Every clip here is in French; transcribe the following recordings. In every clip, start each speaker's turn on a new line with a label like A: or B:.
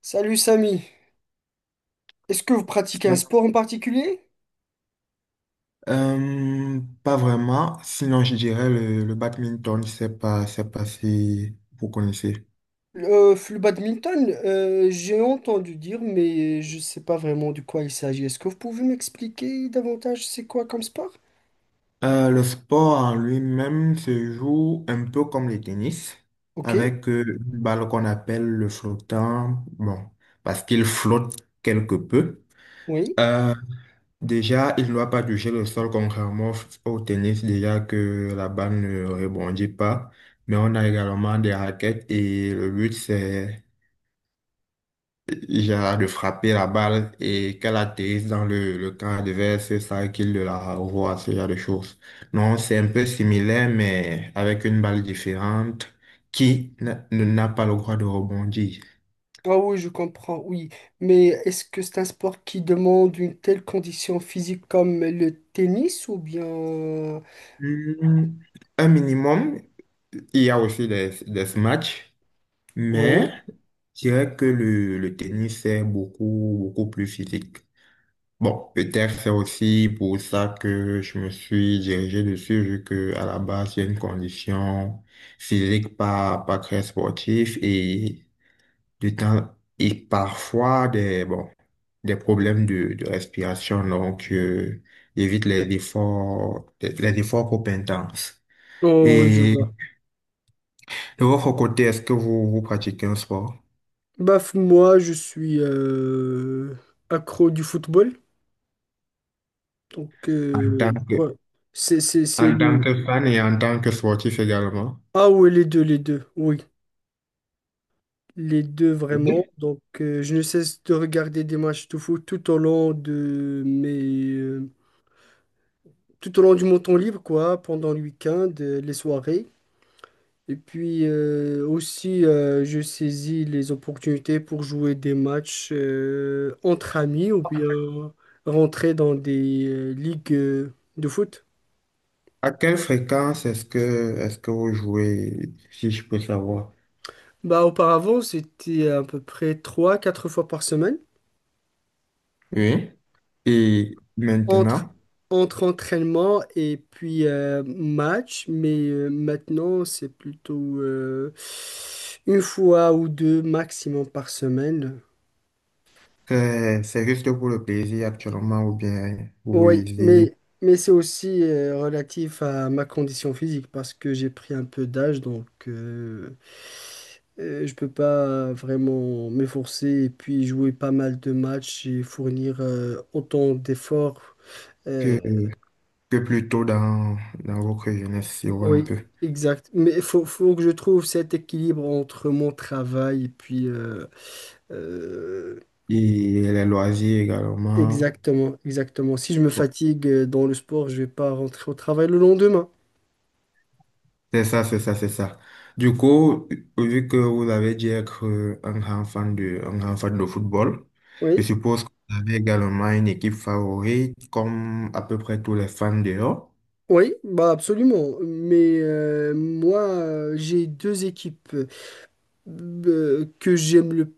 A: Salut Samy, est-ce que vous pratiquez un sport en particulier?
B: Pas vraiment. Sinon, je dirais le badminton, c'est pas si vous connaissez.
A: Le badminton, j'ai entendu dire, mais je ne sais pas vraiment de quoi il s'agit. Est-ce que vous pouvez m'expliquer davantage c'est quoi comme sport?
B: Le sport en lui-même se joue un peu comme le tennis,
A: Ok,
B: avec une balle qu'on appelle le flottant, bon, parce qu'il flotte quelque peu.
A: oui.
B: Euh, Déjà, il ne doit pas toucher le sol, contrairement au tennis, déjà que la balle ne rebondit pas. Mais on a également des raquettes et le but, c'est Gérard de frapper la balle et qu'elle atterrisse dans le camp adverse, c'est ça qu'il de la revoit, ce genre de choses. Non, c'est un peu similaire, mais avec une balle différente qui n'a pas le droit de rebondir.
A: Ah oui, je comprends, oui. Mais est-ce que c'est un sport qui demande une telle condition physique comme le tennis ou bien...
B: Hmm, un minimum, il y a aussi des smash, mais
A: Oui.
B: je dirais que le tennis est beaucoup, beaucoup plus physique. Bon, peut-être c'est aussi pour ça que je me suis dirigé dessus, vu que à la base, j'ai une condition physique pas très sportive et du temps, et parfois des, bon, des problèmes de respiration, donc, j'évite les efforts trop intenses.
A: Oh, oui, je
B: Et
A: vois.
B: de votre côté, est-ce que vous, vous pratiquez un sport
A: Bah, moi, je suis accro du football. Donc,
B: en tant que,
A: quoi? C'est
B: en tant
A: le...
B: que fan et en tant que sportif également?
A: Ah oui, les deux, oui. Les deux, vraiment. Donc, je ne cesse de regarder des matchs de foot tout au long de mes... tout au long du mon temps libre, quoi, pendant le week-end, les soirées. Et puis, aussi, je saisis les opportunités pour jouer des matchs entre amis ou bien rentrer dans des ligues de foot.
B: À quelle fréquence est-ce que vous jouez, si je peux savoir?
A: Bah, auparavant, c'était à peu près trois quatre fois par semaine.
B: Oui. Et
A: entre,
B: maintenant,
A: entre entraînement et puis match, mais maintenant c'est plutôt une fois ou deux maximum par semaine.
B: c'est juste pour le plaisir actuellement ou bien vous
A: Oui,
B: visez
A: mais c'est aussi relatif à ma condition physique parce que j'ai pris un peu d'âge, donc je peux pas vraiment m'efforcer et puis jouer pas mal de matchs et fournir autant d'efforts. euh,
B: que, que plutôt dans, dans votre jeunesse, si on veut un
A: Oui,
B: peu.
A: exact. Mais il faut que je trouve cet équilibre entre mon travail et puis... euh,
B: Et les loisirs également.
A: exactement, exactement. Si je me fatigue dans le sport, je vais pas rentrer au travail le lendemain.
B: C'est ça, c'est ça, c'est ça. Du coup, vu que vous avez dit être un grand fan de, un grand fan de football, je
A: Oui,
B: suppose que vous avez également une équipe favorite, comme à peu près tous les fans dehors.
A: oui, bah absolument. Mais moi, j'ai deux équipes que j'aime le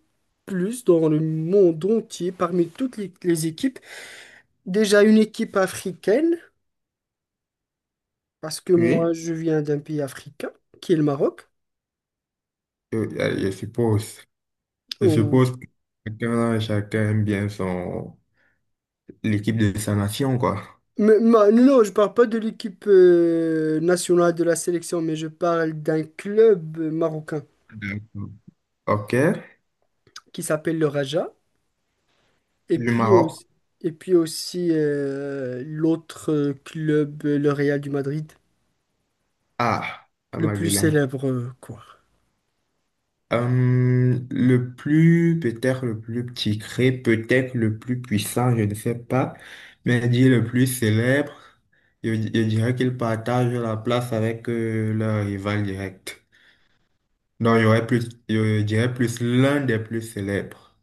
A: plus dans le monde entier, parmi toutes les équipes. Déjà une équipe africaine, parce que moi,
B: Oui,
A: je viens d'un pays africain, qui est le Maroc.
B: Je suppose. Je suppose que chacun, chacun aime bien son, l'équipe de sa nation, quoi.
A: Mais, non, je parle pas de l'équipe nationale de la sélection, mais je parle d'un club marocain
B: D'accord. OK.
A: qui s'appelle le Raja. Et
B: Du
A: puis
B: Maroc.
A: aussi, et puis aussi l'autre club, le Real du Madrid,
B: Ah, la
A: le plus
B: Magdalene.
A: célèbre, quoi.
B: Le plus, peut-être le plus petit cré, peut-être le plus puissant, je ne sais pas, mais dit le plus célèbre, je dirais qu'il partage la place avec leur rival direct. Non, il y aurait plus, je dirais plus l'un des plus célèbres.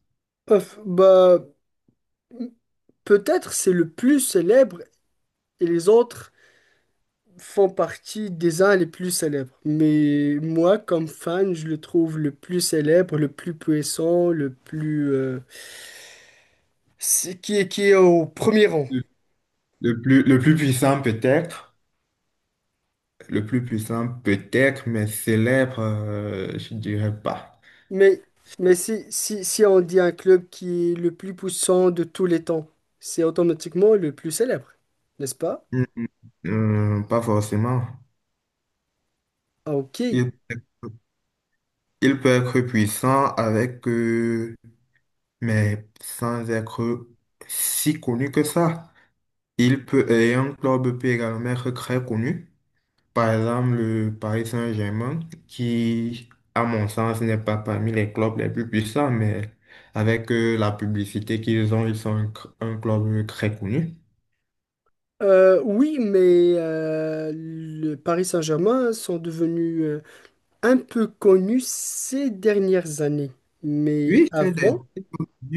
A: Ouf, bah, peut-être c'est le plus célèbre et les autres font partie des uns les plus célèbres. Mais moi, comme fan, je le trouve le plus célèbre, le plus puissant, le plus... qui est au premier rang.
B: Le, le plus puissant peut-être, le plus puissant peut-être, mais célèbre, je dirais pas.
A: Mais, mais si, si, si on dit un club qui est le plus puissant de tous les temps, c'est automatiquement le plus célèbre, n'est-ce pas?
B: Hmm, hmm, pas forcément.
A: Ah, ok.
B: Il peut être puissant avec, mais sans être si connu que ça. Il peut, et un club peut également être très connu. Par exemple, le Paris Saint-Germain, qui, à mon sens, n'est pas parmi les clubs les plus puissants, mais avec la publicité qu'ils ont, ils sont un club très connu.
A: Oui, mais le Paris Saint-Germain sont devenus un peu connus ces dernières années. Mais
B: Oui,
A: avant,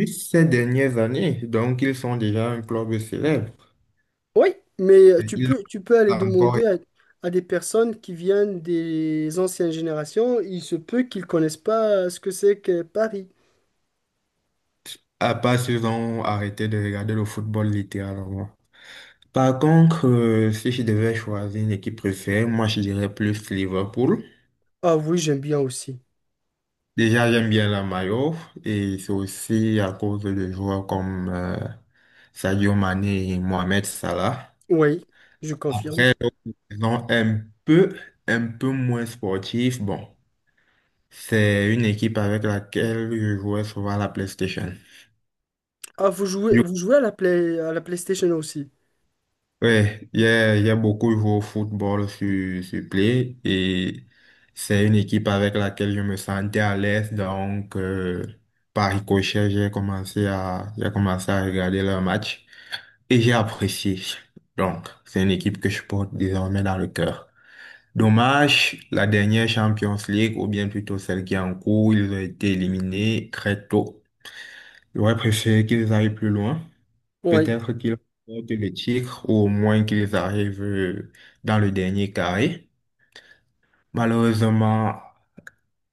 B: ces dernières années, donc ils sont déjà un club célèbre.
A: oui, mais
B: Ils
A: tu peux aller
B: l'ont encore.
A: demander à des personnes qui viennent des anciennes générations, il se peut qu'ils connaissent pas ce que c'est que Paris.
B: À part s'ils ont arrêté de regarder le football littéralement. Par contre, si je devais choisir une équipe préférée, moi je dirais plus Liverpool.
A: Ah oui, j'aime bien aussi.
B: Déjà, j'aime bien la maillot et c'est aussi à cause de joueurs comme Sadio Mané et Mohamed Salah.
A: Oui, je confirme.
B: Après, d'autres raisons un peu moins sportif. Bon, c'est une équipe avec laquelle je jouais souvent à la PlayStation.
A: Ah, vous jouez à la Play, à la PlayStation aussi.
B: Ouais, il y a beaucoup joué au football sur, sur Play et c'est une équipe avec laquelle je me sentais à l'aise. Donc, par ricochet, j'ai commencé à regarder leurs matchs et j'ai apprécié. Donc, c'est une équipe que je porte désormais dans le cœur. Dommage, la dernière Champions League, ou bien plutôt celle qui est en cours, ils ont été éliminés très tôt. J'aurais préféré qu'ils aillent plus loin.
A: Oui,
B: Peut-être qu'ils remportent le titre ou au moins qu'ils arrivent dans le dernier carré. Malheureusement,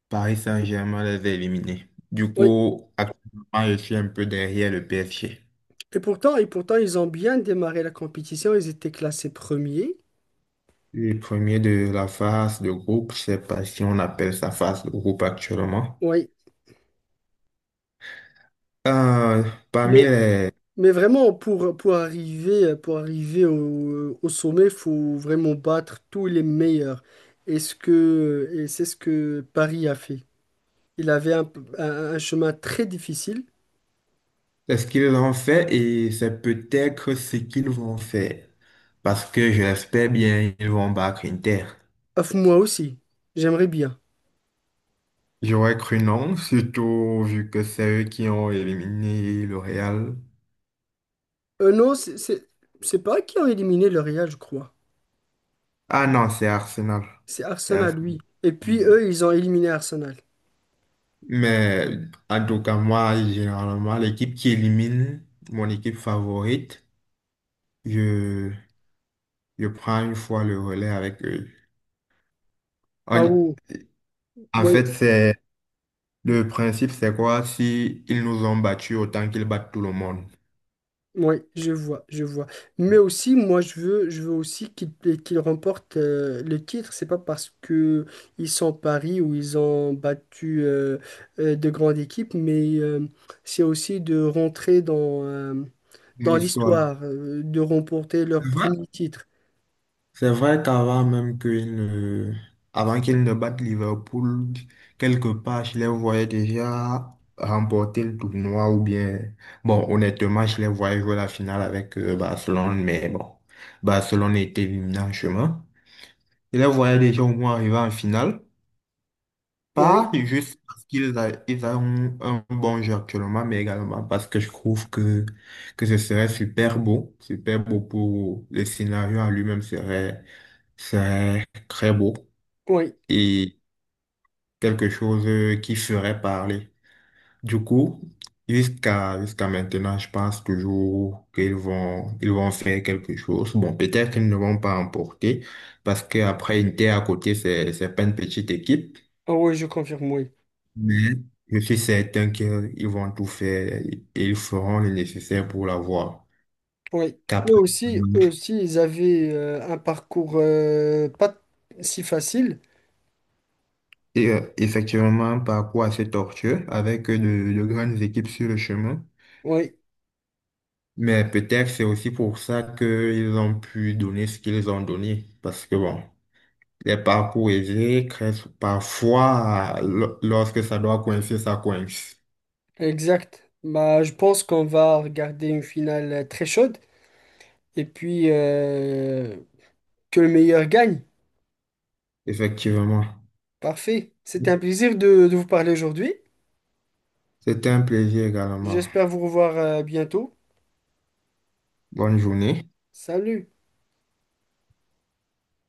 B: Paris Saint-Germain les a éliminés. Du
A: oui.
B: coup, actuellement, je suis un peu derrière le PSG.
A: Et pourtant, ils ont bien démarré la compétition. Ils étaient classés premiers.
B: Le premier de la phase de groupe, je sais pas si on appelle ça phase de groupe actuellement.
A: Oui.
B: Euh, Parmi
A: Mais,
B: les,
A: mais vraiment, pour arriver au, au sommet, il faut vraiment battre tous les meilleurs. Et ce que, et c'est ce que Paris a fait. Il avait un, un chemin très difficile.
B: ce qu'ils ont fait et c'est peut-être ce qu'ils vont faire. Parce que je l'espère bien, ils vont battre Inter.
A: Ah, moi aussi. J'aimerais bien.
B: J'aurais cru non, surtout vu que c'est eux qui ont éliminé le Real.
A: Non, c'est pas eux qui ont éliminé le Real, je crois.
B: Ah non, c'est Arsenal.
A: C'est
B: C'est
A: Arsenal, oui.
B: Arsenal.
A: Et puis
B: Oui.
A: eux, ils ont éliminé Arsenal.
B: Mais en tout cas, moi, généralement, l'équipe qui élimine mon équipe favorite, je, je prends une fois le relais avec eux.
A: Ah
B: En,
A: oui,
B: en
A: oui,
B: fait, c'est le principe, c'est quoi? Si ils nous ont battus, autant qu'ils battent tout le monde.
A: oui, je vois, je vois. Mais aussi, moi, je veux aussi qu'ils qu'ils remportent le titre. C'est pas parce que ils sont Paris ou ils ont battu de grandes équipes, mais c'est aussi de rentrer dans,
B: Dans
A: dans
B: l'histoire.
A: l'histoire, de remporter leur premier titre.
B: C'est vrai qu'avant même qu'il ne... avant qu'il ne batte Liverpool, quelque part, je les voyais déjà remporter le tournoi ou bien, bon, honnêtement, je les voyais jouer la finale avec Barcelone, mais bon, Barcelone était éliminé en chemin. Je les voyais déjà au moins arriver en finale. Pas
A: Oui,
B: juste ils ont un bon jeu actuellement, mais également parce que je trouve que ce serait super beau pour le scénario en lui-même serait, serait très beau
A: oui,
B: et quelque chose qui ferait parler. Du coup, jusqu'à maintenant, je pense toujours qu'ils vont, ils vont faire quelque chose. Bon, peut-être qu'ils ne vont pas emporter parce qu'après, Inter à côté, c'est pas une petite équipe.
A: ah oui, je confirme, oui.
B: Mais je suis certain qu'ils vont tout faire et ils feront le nécessaire pour l'avoir.
A: Oui,
B: Qu'après,
A: eux aussi, ils avaient un parcours pas si facile.
B: et effectivement, un parcours assez tortueux avec de grandes équipes sur le chemin.
A: Oui,
B: Mais peut-être c'est aussi pour ça qu'ils ont pu donner ce qu'ils ont donné. Parce que bon, les parcours aisés créent parfois, lorsque ça doit coincer, ça coince.
A: exact. Bah, je pense qu'on va regarder une finale très chaude et puis que le meilleur gagne.
B: Effectivement.
A: Parfait. C'était un plaisir de vous parler aujourd'hui.
B: C'était un plaisir également.
A: J'espère vous revoir bientôt.
B: Bonne journée.
A: Salut.